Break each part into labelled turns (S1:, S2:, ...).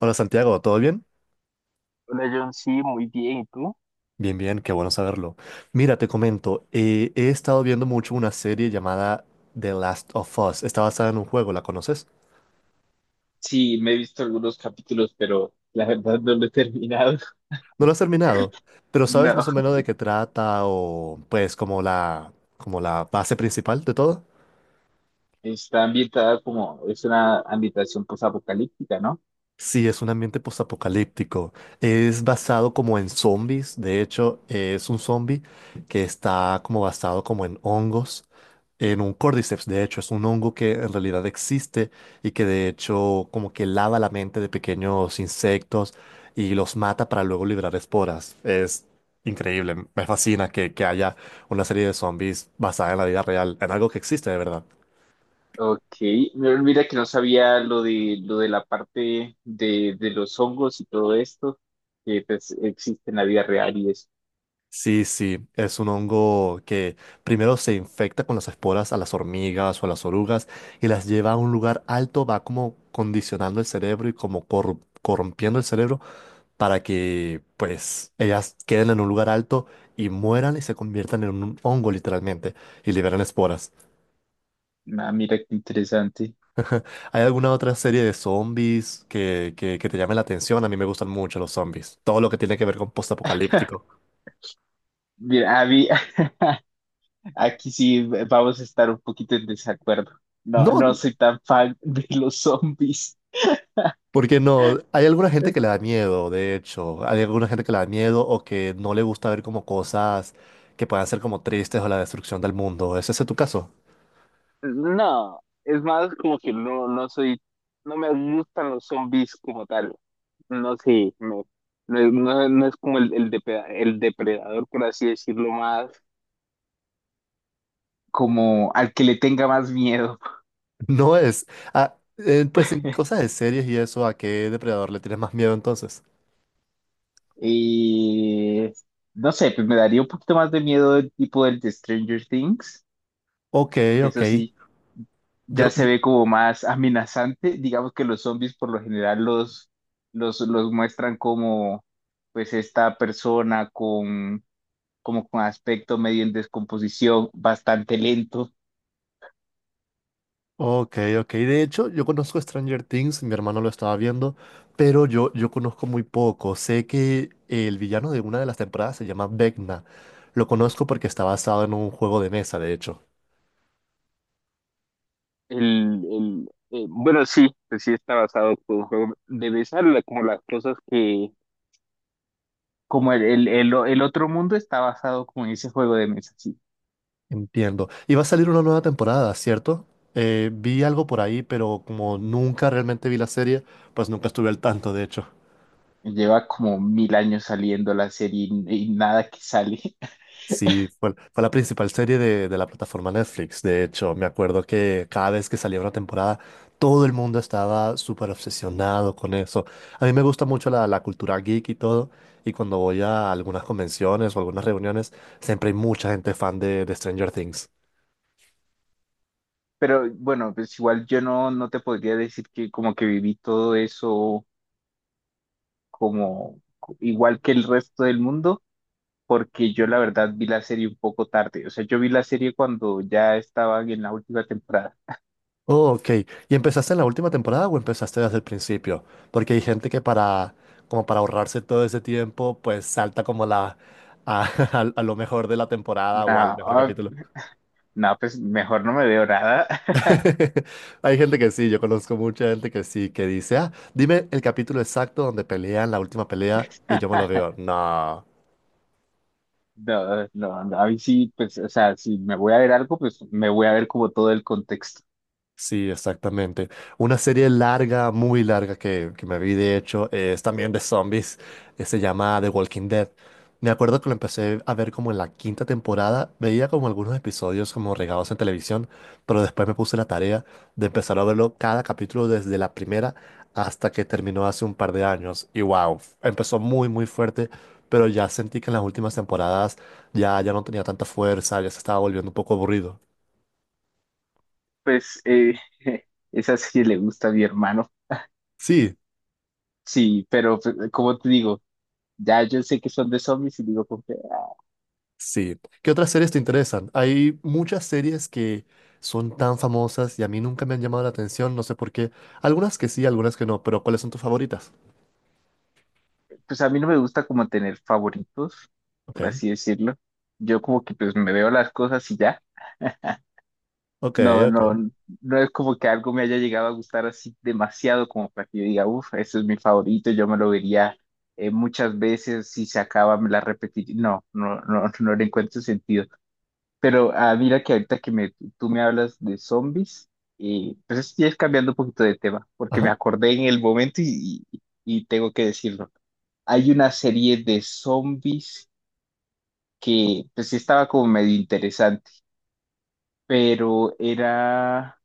S1: Hola Santiago, ¿todo bien?
S2: Hola John, sí, muy bien. ¿Y tú?
S1: Bien, bien, qué bueno saberlo. Mira, te comento, he estado viendo mucho una serie llamada The Last of Us. Está basada en un juego, ¿la conoces?
S2: Sí, me he visto algunos capítulos, pero la verdad no lo he terminado.
S1: No lo has terminado, pero ¿sabes más o
S2: No.
S1: menos de qué trata o pues como la base principal de todo?
S2: Está ambientada como, es una ambientación posapocalíptica, ¿no?
S1: Sí, es un ambiente postapocalíptico. Es basado como en zombies. De hecho, es un zombie que está como basado como en hongos, en un cordyceps. De hecho, es un hongo que en realidad existe y que de hecho como que lava la mente de pequeños insectos y los mata para luego liberar esporas. Es increíble. Me fascina que haya una serie de zombies basada en la vida real, en algo que existe de verdad.
S2: Ok, no, mira que no sabía lo de la parte de los hongos y todo esto, que pues existe en la vida real y eso.
S1: Sí, sí, es un hongo que primero se infecta con las esporas a las hormigas o a las orugas y las lleva a un lugar alto, va como condicionando el cerebro y como corrompiendo el cerebro para que pues ellas queden en un lugar alto y mueran y se conviertan en un hongo literalmente y liberan esporas.
S2: Ah, mira qué interesante.
S1: ¿Hay alguna otra serie de zombies que te llame la atención? A mí me gustan mucho los zombies, todo lo que tiene que ver con postapocalíptico.
S2: Mira, a mí- aquí sí vamos a estar un poquito en desacuerdo. No, no
S1: No.
S2: soy tan fan de los zombies.
S1: Porque no, hay alguna gente que le da miedo, de hecho, hay alguna gente que le da miedo o que no le gusta ver como cosas que puedan ser como tristes o la destrucción del mundo. ¿Es ese tu caso?
S2: No, es más como que no, no me gustan los zombies como tal. No sé, no, no, es no es como el depredador, por así decirlo, más como al que le tenga más miedo.
S1: No es. Ah, pues en cosas de series y eso, ¿a qué depredador le tienes más miedo entonces?
S2: Y no sé, pues me daría un poquito más de miedo el tipo del de Stranger Things,
S1: Ok,
S2: que
S1: ok.
S2: eso sí, ya
S1: Yo,
S2: se ve como más amenazante. Digamos que los zombies por lo general los muestran como pues esta persona con como con aspecto medio en descomposición, bastante lento.
S1: ok, ok. De hecho, yo conozco Stranger Things, mi hermano lo estaba viendo, pero yo conozco muy poco. Sé que el villano de una de las temporadas se llama Vecna. Lo conozco porque está basado en un juego de mesa, de hecho.
S2: Bueno, sí, pues sí está basado por un juego de besar, como las cosas que... Como el otro mundo está basado como en ese juego de mesa, sí.
S1: Entiendo. Y va a salir una nueva temporada, ¿cierto? Vi algo por ahí, pero como nunca realmente vi la serie, pues nunca estuve al tanto, de hecho.
S2: Lleva como mil años saliendo la serie y nada que sale.
S1: Sí, fue la principal serie de la plataforma Netflix. De hecho, me acuerdo que cada vez que salía una temporada, todo el mundo estaba súper obsesionado con eso. A mí me gusta mucho la cultura geek y todo. Y cuando voy a algunas convenciones o algunas reuniones, siempre hay mucha gente fan de Stranger Things.
S2: Pero bueno, pues igual yo no, no te podría decir que como que viví todo eso como igual que el resto del mundo. Porque yo la verdad vi la serie un poco tarde. O sea, yo vi la serie cuando ya estaban en la última temporada.
S1: Oh, ok. ¿Y empezaste en la última temporada o empezaste desde el principio? Porque hay gente que para, como para ahorrarse todo ese tiempo, pues salta como a lo mejor de la temporada o al
S2: No,
S1: mejor capítulo.
S2: no, pues mejor no me veo nada.
S1: Hay gente que sí, yo conozco mucha gente que sí, que dice, ah, dime el capítulo exacto donde pelean la última pelea y yo me lo veo. No.
S2: No, no, no, a mí sí, pues, o sea, si me voy a ver algo, pues me voy a ver como todo el contexto.
S1: Sí, exactamente. Una serie larga, muy larga que me vi de hecho, es también de zombies, se llama The Walking Dead. Me acuerdo que lo empecé a ver como en la quinta temporada, veía como algunos episodios como regados en televisión, pero después me puse la tarea de empezar a verlo cada capítulo desde la primera hasta que terminó hace un par de años. Y wow, empezó muy, muy fuerte, pero ya sentí que en las últimas temporadas ya no tenía tanta fuerza, ya se estaba volviendo un poco aburrido.
S2: Pues esa serie le gusta a mi hermano.
S1: Sí,
S2: Sí, pero pues, como te digo, ya yo sé que son de zombies y digo, como que, ay,
S1: sí. ¿Qué otras series te interesan? Hay muchas series que son tan famosas y a mí nunca me han llamado la atención, no sé por qué. Algunas que sí, algunas que no, pero ¿cuáles son tus favoritas?
S2: pues a mí no me gusta como tener favoritos,
S1: Ok,
S2: por así decirlo. Yo como que pues me veo las cosas y ya.
S1: ok,
S2: No, no,
S1: ok.
S2: no es como que algo me haya llegado a gustar así demasiado como para que yo diga, uff, ese es mi favorito, yo me lo vería muchas veces, si se acaba me la repetiría. No, no, no, no le encuentro sentido. Pero ah, mira que ahorita que me, tú me hablas de zombies, y pues estoy es cambiando un poquito de tema, porque me
S1: Ajá.
S2: acordé en el momento y tengo que decirlo. Hay una serie de zombies que pues sí estaba como medio interesante, pero era...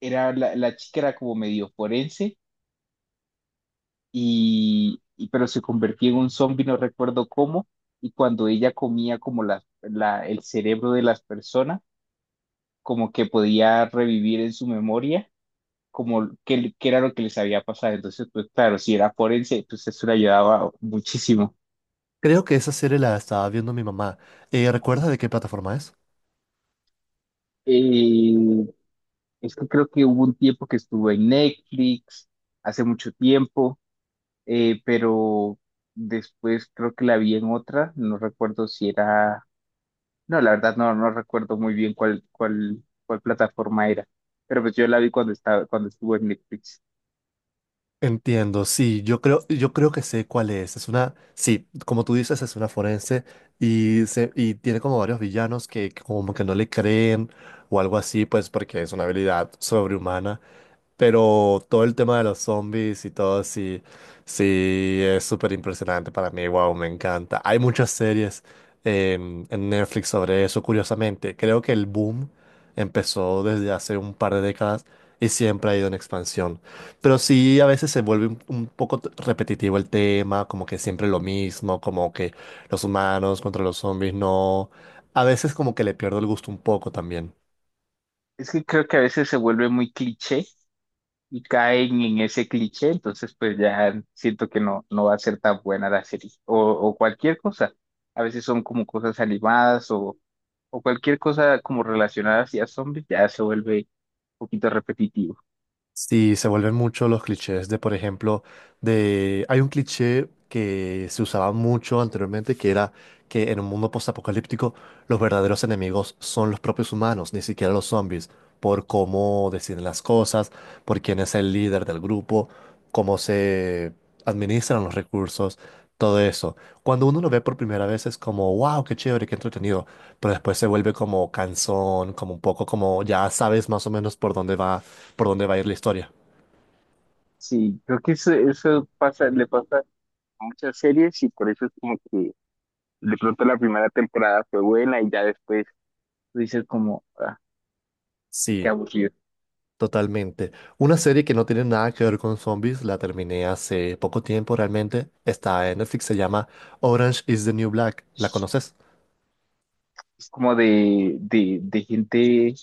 S2: era la chica era como medio forense pero se convertía en un zombie, no recuerdo cómo, y cuando ella comía como el cerebro de las personas, como que podía revivir en su memoria como qué, qué era lo que les había pasado. Entonces, pues claro, si era forense, pues eso le ayudaba muchísimo.
S1: Creo que esa serie la estaba viendo mi mamá. ¿Recuerdas de qué plataforma es?
S2: Eh, es que creo que hubo un tiempo que estuvo en Netflix, hace mucho tiempo. Pero después creo que la vi en otra, no recuerdo si era, no, la verdad no, no recuerdo muy bien cuál plataforma era, pero pues yo la vi cuando estaba, cuando estuvo en Netflix.
S1: Entiendo, sí, yo creo que sé cuál es. Es una, sí, como tú dices, es una forense y, y tiene como varios villanos que como que no le creen o algo así, pues porque es una habilidad sobrehumana. Pero todo el tema de los zombies y todo, sí, sí, es súper impresionante para mí. Wow, me encanta. Hay muchas series en Netflix sobre eso, curiosamente. Creo que el boom empezó desde hace un par de décadas y siempre ha ido en expansión. Pero sí, a veces se vuelve un poco repetitivo el tema, como que siempre lo mismo, como que los humanos contra los zombies, no. A veces como que le pierdo el gusto un poco también.
S2: Es que creo que a veces se vuelve muy cliché y caen en ese cliché, entonces pues ya siento que no, no va a ser tan buena la serie o cualquier cosa. A veces son como cosas animadas o cualquier cosa como relacionada hacia zombies, ya se vuelve un poquito repetitivo.
S1: Sí, se vuelven mucho los clichés de, por ejemplo, de... Hay un cliché que se usaba mucho anteriormente, que era que en un mundo postapocalíptico los verdaderos enemigos son los propios humanos, ni siquiera los zombies, por cómo deciden las cosas, por quién es el líder del grupo, cómo se administran los recursos, todo eso. Cuando uno lo ve por primera vez es como, wow, qué chévere, qué entretenido, pero después se vuelve como cansón, como un poco como ya sabes más o menos por dónde va a ir la historia.
S2: Sí, creo que eso pasa, le pasa a muchas series y por eso es como que de pronto la primera temporada fue buena y ya después tú dices como, ah, qué
S1: Sí,
S2: aburrido.
S1: totalmente. Una serie que no tiene nada que ver con zombies, la terminé hace poco tiempo realmente. Está en Netflix, se llama Orange is the New Black. ¿La conoces?
S2: Es como de gente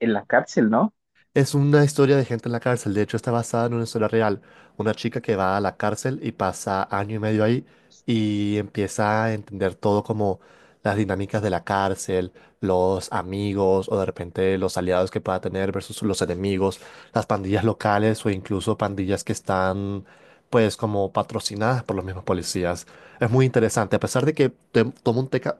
S2: en la cárcel, ¿no?
S1: Es una historia de gente en la cárcel. De hecho, está basada en una historia real. Una chica que va a la cárcel y pasa año y medio ahí y empieza a entender todo como las dinámicas de la cárcel, los amigos o de repente los aliados que pueda tener versus los enemigos, las pandillas locales o incluso pandillas que están pues como patrocinadas por los mismos policías. Es muy interesante. A pesar de que te- toma un, teca-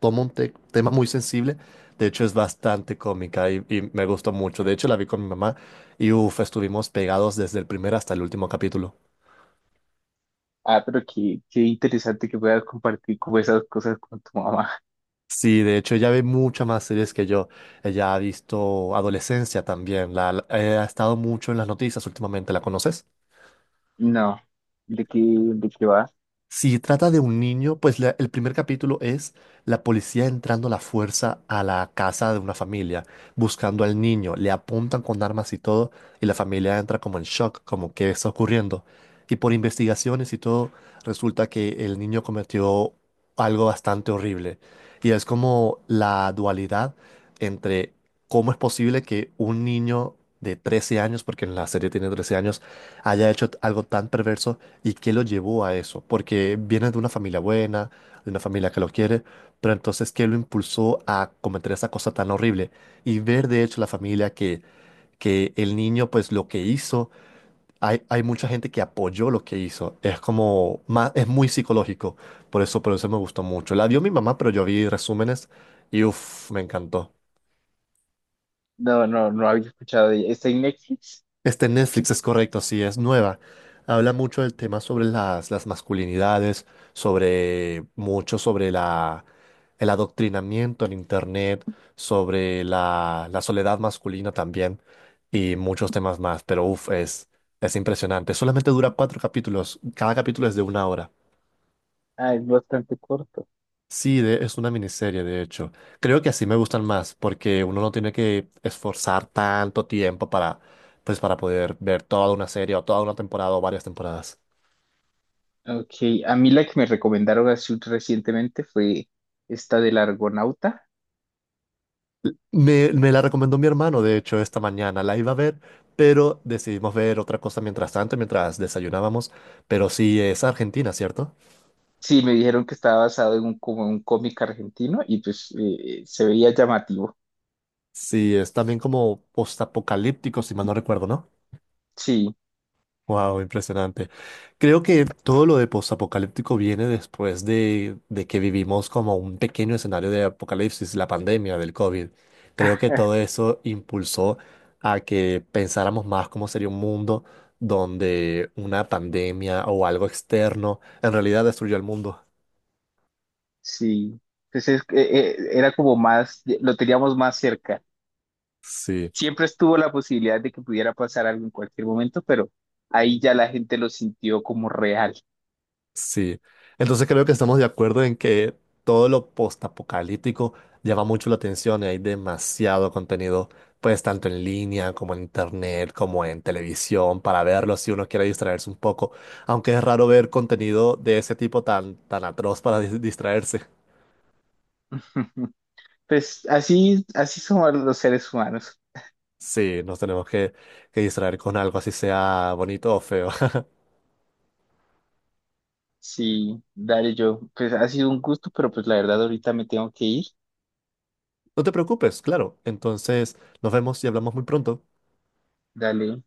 S1: toma un te- tema muy sensible, de hecho, es bastante cómica y me gustó mucho. De hecho, la vi con mi mamá y uff, estuvimos pegados desde el primer hasta el último capítulo.
S2: Ah, pero qué, qué interesante que puedas compartir como esas cosas con tu mamá.
S1: Sí, de hecho, ella ve muchas más series que yo. Ella ha visto Adolescencia también. Ha estado mucho en las noticias últimamente. ¿La conoces?
S2: No, de qué va?
S1: Si trata de un niño, pues el primer capítulo es la policía entrando a la fuerza a la casa de una familia, buscando al niño, le apuntan con armas y todo, y la familia entra como en shock, como qué está ocurriendo. Y por investigaciones y todo, resulta que el niño cometió algo bastante horrible. Y es como la dualidad entre cómo es posible que un niño de 13 años, porque en la serie tiene 13 años, haya hecho algo tan perverso. ¿Y qué lo llevó a eso? Porque viene de una familia buena, de una familia que lo quiere, pero entonces, ¿qué lo impulsó a cometer esa cosa tan horrible? Y ver de hecho la familia que el niño, pues lo que hizo, hay mucha gente que apoyó lo que hizo. Es como, es muy psicológico. Por eso me gustó mucho. La vio mi mamá, pero yo vi resúmenes y uff, me encantó.
S2: No, no, no había escuchado de ella. ¿Está en Netflix?
S1: Este Netflix es correcto, sí, es nueva. Habla mucho del tema sobre las masculinidades, sobre mucho sobre el adoctrinamiento en Internet, sobre la soledad masculina también y muchos temas más. Pero uff, es impresionante. Solamente dura 4 capítulos. Cada capítulo es de una hora.
S2: Ah, es bastante corto.
S1: Sí, es una miniserie, de hecho. Creo que así me gustan más, porque uno no tiene que esforzar tanto tiempo para, pues, para poder ver toda una serie o toda una temporada o varias temporadas.
S2: Ok, a mí la que me recomendaron así recientemente fue esta del Argonauta.
S1: Me la recomendó mi hermano, de hecho, esta mañana la iba a ver, pero decidimos ver otra cosa mientras tanto, mientras desayunábamos. Pero sí, es Argentina, ¿cierto?
S2: Sí, me dijeron que estaba basado en un, como un cómic argentino y pues se veía llamativo.
S1: Sí, es también como postapocalíptico, si mal no recuerdo, ¿no?
S2: Sí,
S1: Wow, impresionante. Creo que todo lo de postapocalíptico viene después de que vivimos como un pequeño escenario de apocalipsis, la pandemia del COVID. Creo que todo eso impulsó a que pensáramos más cómo sería un mundo donde una pandemia o algo externo en realidad destruyó el mundo.
S2: sí. Pues es que, era como más, lo teníamos más cerca.
S1: Sí.
S2: Siempre estuvo la posibilidad de que pudiera pasar algo en cualquier momento, pero ahí ya la gente lo sintió como real.
S1: Sí, entonces creo que estamos de acuerdo en que todo lo postapocalíptico llama mucho la atención y hay demasiado contenido, pues tanto en línea como en internet, como en televisión, para verlo si uno quiere distraerse un poco, aunque es raro ver contenido de ese tipo tan, tan atroz para distraerse.
S2: Pues así, así somos los seres humanos.
S1: Sí, nos tenemos que distraer con algo, así sea bonito o feo.
S2: Sí, dale yo. Pues ha sido un gusto, pero pues la verdad ahorita me tengo que ir.
S1: No te preocupes, claro. Entonces nos vemos y hablamos muy pronto.
S2: Dale,